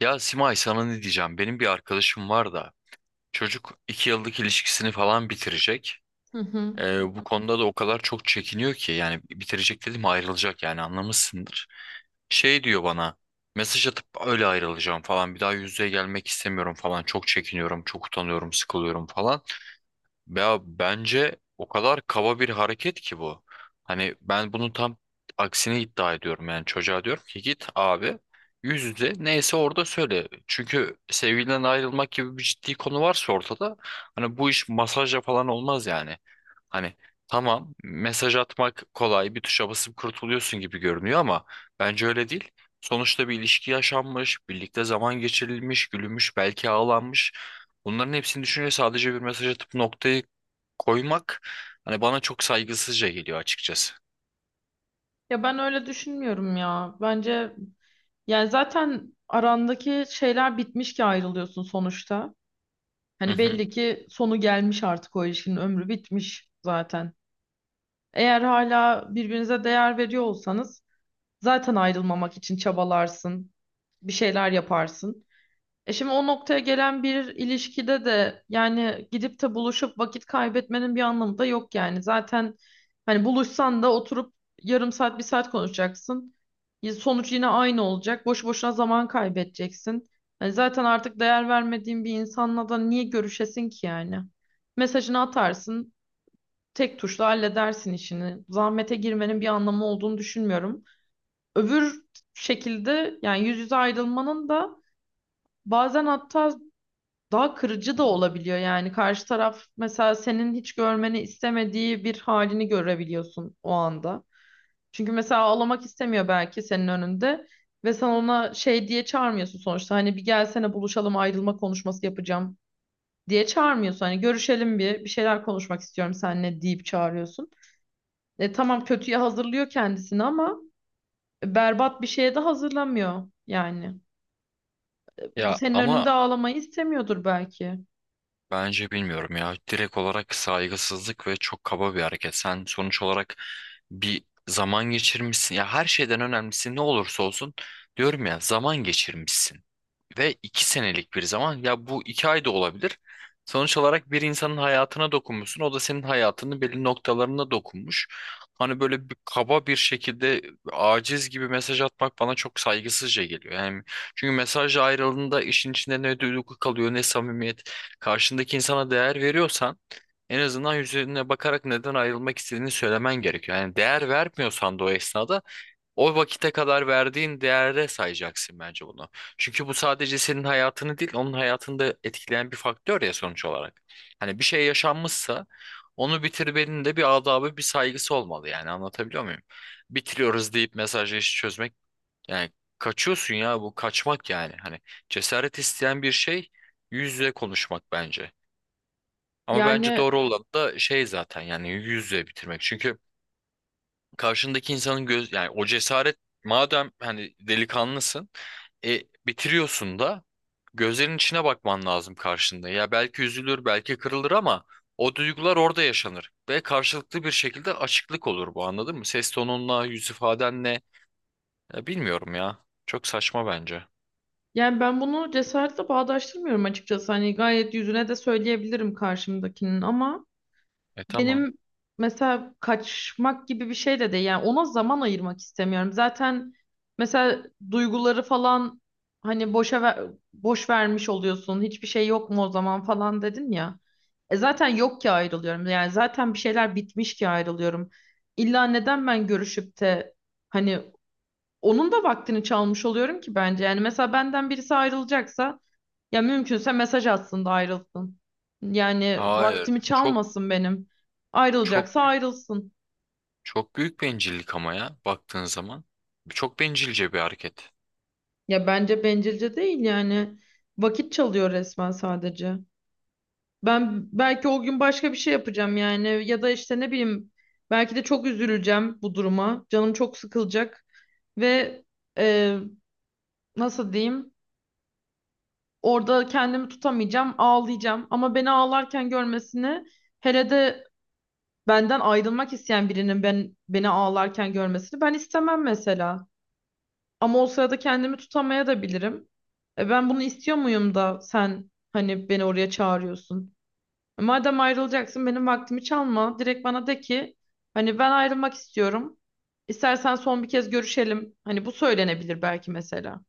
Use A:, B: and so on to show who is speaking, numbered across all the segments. A: Ya Simay sana ne diyeceğim? Benim bir arkadaşım var da çocuk iki yıllık ilişkisini falan bitirecek.
B: Hı hı.
A: Bu konuda da o kadar çok çekiniyor ki yani bitirecek dedim ayrılacak yani anlamışsındır. Şey diyor bana, mesaj atıp öyle ayrılacağım falan, bir daha yüz yüze gelmek istemiyorum falan, çok çekiniyorum, çok utanıyorum, sıkılıyorum falan. Ya bence o kadar kaba bir hareket ki bu. Hani ben bunun tam aksini iddia ediyorum. Yani çocuğa diyorum ki git abi, yüz yüze neyse orada söyle. Çünkü sevgiliden ayrılmak gibi bir ciddi konu varsa ortada, hani bu iş masajla falan olmaz yani. Hani tamam, mesaj atmak kolay, bir tuşa basıp kurtuluyorsun gibi görünüyor ama bence öyle değil. Sonuçta bir ilişki yaşanmış, birlikte zaman geçirilmiş, gülünmüş, belki ağlanmış. Bunların hepsini düşünce sadece bir mesaj atıp noktayı koymak, hani bana çok saygısızca geliyor açıkçası.
B: Ya ben öyle düşünmüyorum ya. Bence yani zaten arandaki şeyler bitmiş ki ayrılıyorsun sonuçta.
A: Hı
B: Hani
A: hı.
B: belli ki sonu gelmiş, artık o ilişkinin ömrü bitmiş zaten. Eğer hala birbirinize değer veriyor olsanız zaten ayrılmamak için çabalarsın, bir şeyler yaparsın. E şimdi o noktaya gelen bir ilişkide de yani gidip de buluşup vakit kaybetmenin bir anlamı da yok yani. Zaten hani buluşsan da oturup yarım saat, bir saat konuşacaksın. Sonuç yine aynı olacak. Boş boşuna zaman kaybedeceksin. Hani zaten artık değer vermediğin bir insanla da niye görüşesin ki yani? Mesajını atarsın, tek tuşla halledersin işini. Zahmete girmenin bir anlamı olduğunu düşünmüyorum. Öbür şekilde, yani yüz yüze ayrılmanın da bazen hatta daha kırıcı da olabiliyor yani. Karşı taraf mesela senin hiç görmeni istemediği bir halini görebiliyorsun o anda. Çünkü mesela ağlamak istemiyor belki senin önünde ve sen ona şey diye çağırmıyorsun sonuçta. Hani bir gelsene buluşalım, ayrılma konuşması yapacağım diye çağırmıyorsun. Hani görüşelim, bir şeyler konuşmak istiyorum seninle deyip çağırıyorsun. E tamam, kötüye hazırlıyor kendisini ama berbat bir şeye de hazırlamıyor yani. Bu
A: Ya
B: senin önünde
A: ama
B: ağlamayı istemiyordur belki.
A: bence bilmiyorum ya, direkt olarak saygısızlık ve çok kaba bir hareket. Sen sonuç olarak bir zaman geçirmişsin. Ya her şeyden önemlisi, ne olursa olsun diyorum ya, zaman geçirmişsin ve iki senelik bir zaman, ya bu iki ay da olabilir. Sonuç olarak bir insanın hayatına dokunmuşsun. O da senin hayatının belli noktalarına dokunmuş. Hani böyle bir kaba bir şekilde aciz gibi mesaj atmak bana çok saygısızca geliyor. Yani çünkü mesaj ayrılığında işin içinde ne duygu kalıyor ne samimiyet. Karşındaki insana değer veriyorsan en azından yüzüne bakarak neden ayrılmak istediğini söylemen gerekiyor. Yani değer vermiyorsan da o esnada o vakite kadar verdiğin değere sayacaksın bence bunu. Çünkü bu sadece senin hayatını değil, onun hayatını da etkileyen bir faktör ya sonuç olarak. Hani bir şey yaşanmışsa onu bitirmenin de bir adabı, bir saygısı olmalı, yani anlatabiliyor muyum? Bitiriyoruz deyip mesajla işi çözmek, yani kaçıyorsun ya, bu kaçmak yani. Hani cesaret isteyen bir şey yüz yüze konuşmak bence. Ama bence
B: Yani
A: doğru olan da şey zaten, yani yüz yüze bitirmek. Çünkü karşındaki insanın göz, yani o cesaret, madem hani delikanlısın, e, bitiriyorsun da gözlerin içine bakman lazım karşında. Ya belki üzülür, belki kırılır ama o duygular orada yaşanır ve karşılıklı bir şekilde açıklık olur bu, anladın mı? Ses tonunla, yüz ifadenle. Ya bilmiyorum ya. Çok saçma bence.
B: Yani ben bunu cesaretle bağdaştırmıyorum açıkçası. Hani gayet yüzüne de söyleyebilirim karşımdakinin ama
A: E tamam.
B: benim mesela kaçmak gibi bir şey de değil. Yani ona zaman ayırmak istemiyorum. Zaten mesela duyguları falan hani boş vermiş oluyorsun. Hiçbir şey yok mu o zaman falan dedin ya. E zaten yok ki ayrılıyorum. Yani zaten bir şeyler bitmiş ki ayrılıyorum. İlla neden ben görüşüp de hani onun da vaktini çalmış oluyorum ki bence. Yani mesela benden birisi ayrılacaksa ya mümkünse mesaj atsın da ayrılsın. Yani
A: Hayır.
B: vaktimi
A: Çok
B: çalmasın benim.
A: çok
B: Ayrılacaksa ayrılsın.
A: çok büyük bencillik ama ya baktığın zaman. Çok bencilce bir hareket.
B: Ya bence bencilce değil yani. Vakit çalıyor resmen sadece. Ben belki o gün başka bir şey yapacağım yani, ya da işte ne bileyim, belki de çok üzüleceğim bu duruma. Canım çok sıkılacak ve e, nasıl diyeyim? Orada kendimi tutamayacağım, ağlayacağım. Ama beni ağlarken görmesini, hele de benden ayrılmak isteyen birinin ben beni ağlarken görmesini ben istemem mesela. Ama o sırada kendimi tutamaya da bilirim. E ben bunu istiyor muyum da sen hani beni oraya çağırıyorsun? Madem ayrılacaksın benim vaktimi çalma. Direkt bana de ki hani ben ayrılmak istiyorum. İstersen son bir kez görüşelim. Hani bu söylenebilir belki mesela.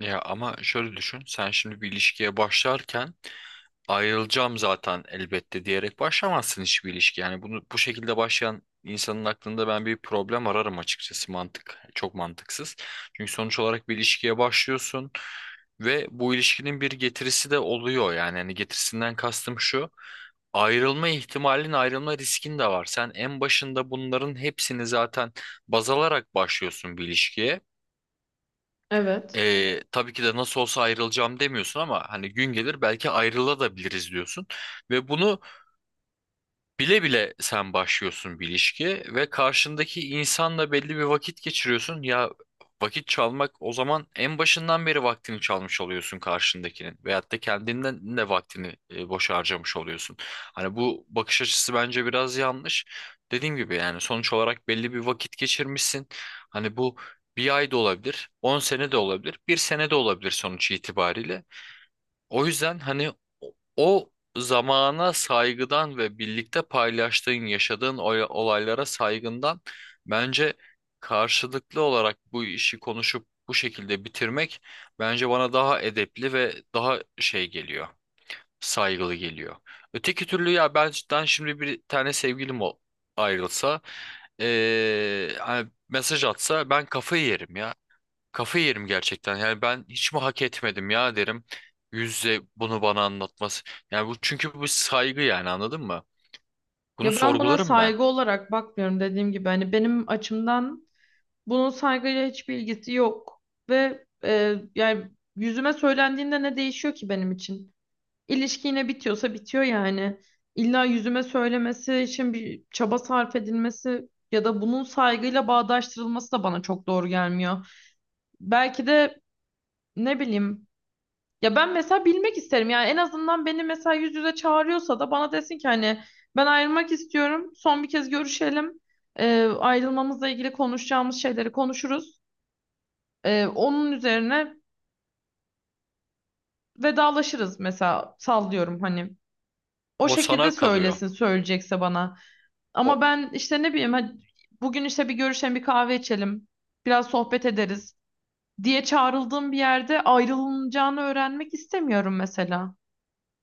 A: Ya ama şöyle düşün. Sen şimdi bir ilişkiye başlarken ayrılacağım zaten elbette diyerek başlamazsın hiçbir ilişki. Yani bunu bu şekilde başlayan insanın aklında ben bir problem ararım açıkçası. Mantık çok mantıksız. Çünkü sonuç olarak bir ilişkiye başlıyorsun ve bu ilişkinin bir getirisi de oluyor. Yani hani getirisinden kastım şu. Ayrılma ihtimalin, ayrılma riskin de var. Sen en başında bunların hepsini zaten baz alarak başlıyorsun bir ilişkiye.
B: Evet.
A: Tabii ki de nasıl olsa ayrılacağım demiyorsun ama hani gün gelir belki ayrılabiliriz diyorsun. Ve bunu, bile bile sen başlıyorsun bir ilişki ve karşındaki insanla belli bir vakit geçiriyorsun. Ya vakit çalmak, o zaman en başından beri vaktini çalmış oluyorsun karşındakinin veyahut da kendinden de vaktini boş harcamış oluyorsun. Hani bu bakış açısı bence biraz yanlış. Dediğim gibi yani sonuç olarak belli bir vakit geçirmişsin. Hani bu bir ay da olabilir, 10 sene de olabilir, bir sene de olabilir sonuç itibariyle. O yüzden hani o zamana saygıdan ve birlikte paylaştığın, yaşadığın olaylara saygından bence karşılıklı olarak bu işi konuşup bu şekilde bitirmek, bence bana daha edepli ve daha şey geliyor, saygılı geliyor. Öteki türlü ya benden şimdi bir tane sevgilim ayrılsa, hani mesaj atsa ben kafayı yerim ya. Kafayı yerim gerçekten. Yani ben hiç mi hak etmedim ya derim. Yüzle bunu bana anlatması. Yani bu, çünkü bu saygı, yani anladın mı? Bunu
B: Ya ben buna
A: sorgularım ben.
B: saygı olarak bakmıyorum dediğim gibi. Hani benim açımdan bunun saygıyla hiçbir ilgisi yok. Ve yani yüzüme söylendiğinde ne değişiyor ki benim için? İlişki yine bitiyorsa bitiyor yani. İlla yüzüme söylemesi için bir çaba sarf edilmesi ya da bunun saygıyla bağdaştırılması da bana çok doğru gelmiyor. Belki de ne bileyim, ya ben mesela bilmek isterim yani. En azından beni mesela yüz yüze çağırıyorsa da bana desin ki hani ben ayrılmak istiyorum, son bir kez görüşelim. Ayrılmamızla ilgili konuşacağımız şeyleri konuşuruz, onun üzerine vedalaşırız mesela. Sallıyorum hani, o
A: O
B: şekilde
A: sana kalıyor.
B: söylesin söyleyecekse bana.
A: O
B: Ama ben işte ne bileyim, hadi bugün işte bir görüşelim, bir kahve içelim. Biraz sohbet ederiz diye çağrıldığım bir yerde ayrılacağını öğrenmek istemiyorum mesela.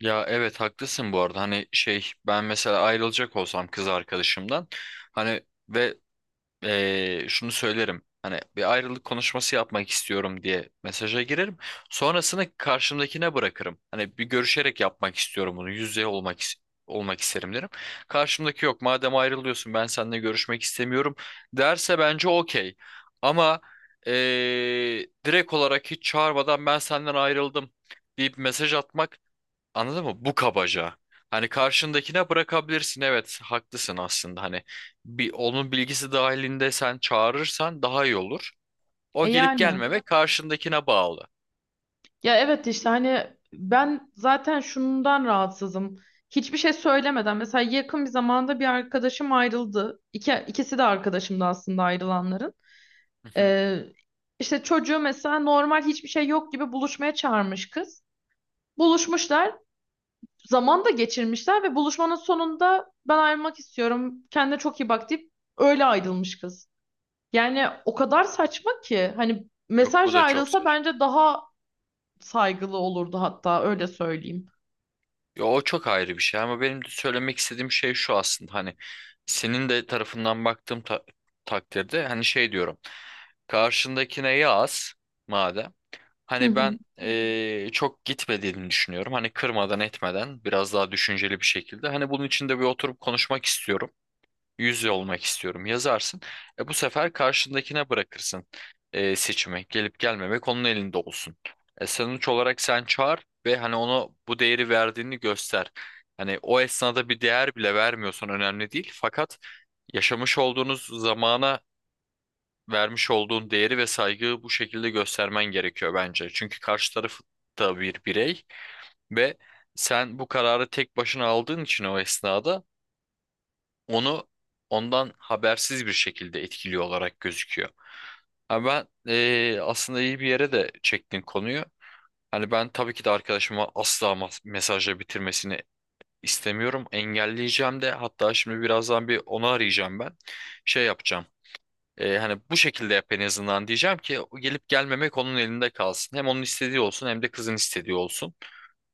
A: ya evet haklısın bu arada. Hani şey, ben mesela ayrılacak olsam kız arkadaşımdan, hani ve şunu söylerim. Hani bir ayrılık konuşması yapmak istiyorum diye mesaja girerim. Sonrasını karşımdakine bırakırım. Hani bir görüşerek yapmak istiyorum bunu. Yüz yüze olmak isterim derim. Karşımdaki yok, madem ayrılıyorsun ben seninle görüşmek istemiyorum derse bence okey. Ama direkt olarak hiç çağırmadan ben senden ayrıldım deyip mesaj atmak, anladın mı? Bu kabaca. Hani karşındakine bırakabilirsin. Evet, haklısın aslında. Hani bir, onun bilgisi dahilinde sen çağırırsan daha iyi olur. O
B: E
A: gelip
B: yani.
A: gelmeme karşındakine bağlı.
B: Ya evet, işte hani ben zaten şundan rahatsızım. Hiçbir şey söylemeden mesela yakın bir zamanda bir arkadaşım ayrıldı. İkisi de arkadaşımdı aslında ayrılanların.
A: Hı hı.
B: Ee, işte çocuğu mesela normal, hiçbir şey yok gibi buluşmaya çağırmış kız. Buluşmuşlar, zaman da geçirmişler ve buluşmanın sonunda ben ayrılmak istiyorum, kendine çok iyi bak deyip öyle ayrılmış kız. Yani o kadar saçma ki hani
A: Yok bu
B: mesajla
A: da çok. Yok,
B: ayrılsa
A: saçma.
B: bence daha saygılı olurdu, hatta öyle söyleyeyim.
A: Yo, o çok ayrı bir şey ama benim de söylemek istediğim şey şu aslında, hani senin de tarafından baktığım takdirde hani şey diyorum. Karşındakine yaz madem.
B: Hı
A: Hani
B: hı.
A: ben çok gitmediğini düşünüyorum. Hani kırmadan etmeden biraz daha düşünceli bir şekilde. Hani bunun için de bir oturup konuşmak istiyorum. Yüz yüze olmak istiyorum. Yazarsın. E, bu sefer karşındakine bırakırsın seçimi. Gelip gelmemek onun elinde olsun. E, sonuç olarak sen çağır ve hani ona bu değeri verdiğini göster. Hani o esnada bir değer bile vermiyorsan önemli değil. Fakat yaşamış olduğunuz zamana vermiş olduğun değeri ve saygıyı bu şekilde göstermen gerekiyor bence. Çünkü karşı taraf da bir birey ve sen bu kararı tek başına aldığın için o esnada onu, ondan habersiz bir şekilde etkili olarak gözüküyor. Ha ben aslında iyi bir yere de çektin konuyu. Hani ben tabii ki de arkadaşıma asla mesajla bitirmesini istemiyorum. Engelleyeceğim de, hatta şimdi birazdan bir onu arayacağım ben. Şey yapacağım. Hani bu şekilde yap en azından diyeceğim ki o gelip gelmemek onun elinde kalsın. Hem onun istediği olsun hem de kızın istediği olsun.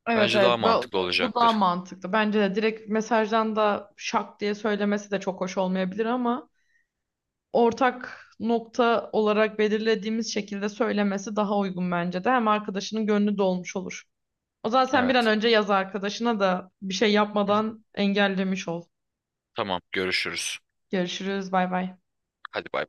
B: Evet,
A: Bence
B: evet,
A: daha
B: bu,
A: mantıklı
B: bu daha
A: olacaktır.
B: mantıklı. Bence de direkt mesajdan da şak diye söylemesi de çok hoş olmayabilir ama ortak nokta olarak belirlediğimiz şekilde söylemesi daha uygun bence de. Hem arkadaşının gönlü dolmuş olur. O zaman sen bir an
A: Evet.
B: önce yaz arkadaşına da bir şey yapmadan engellemiş ol.
A: Tamam, görüşürüz.
B: Görüşürüz. Bay bay.
A: Hadi bay.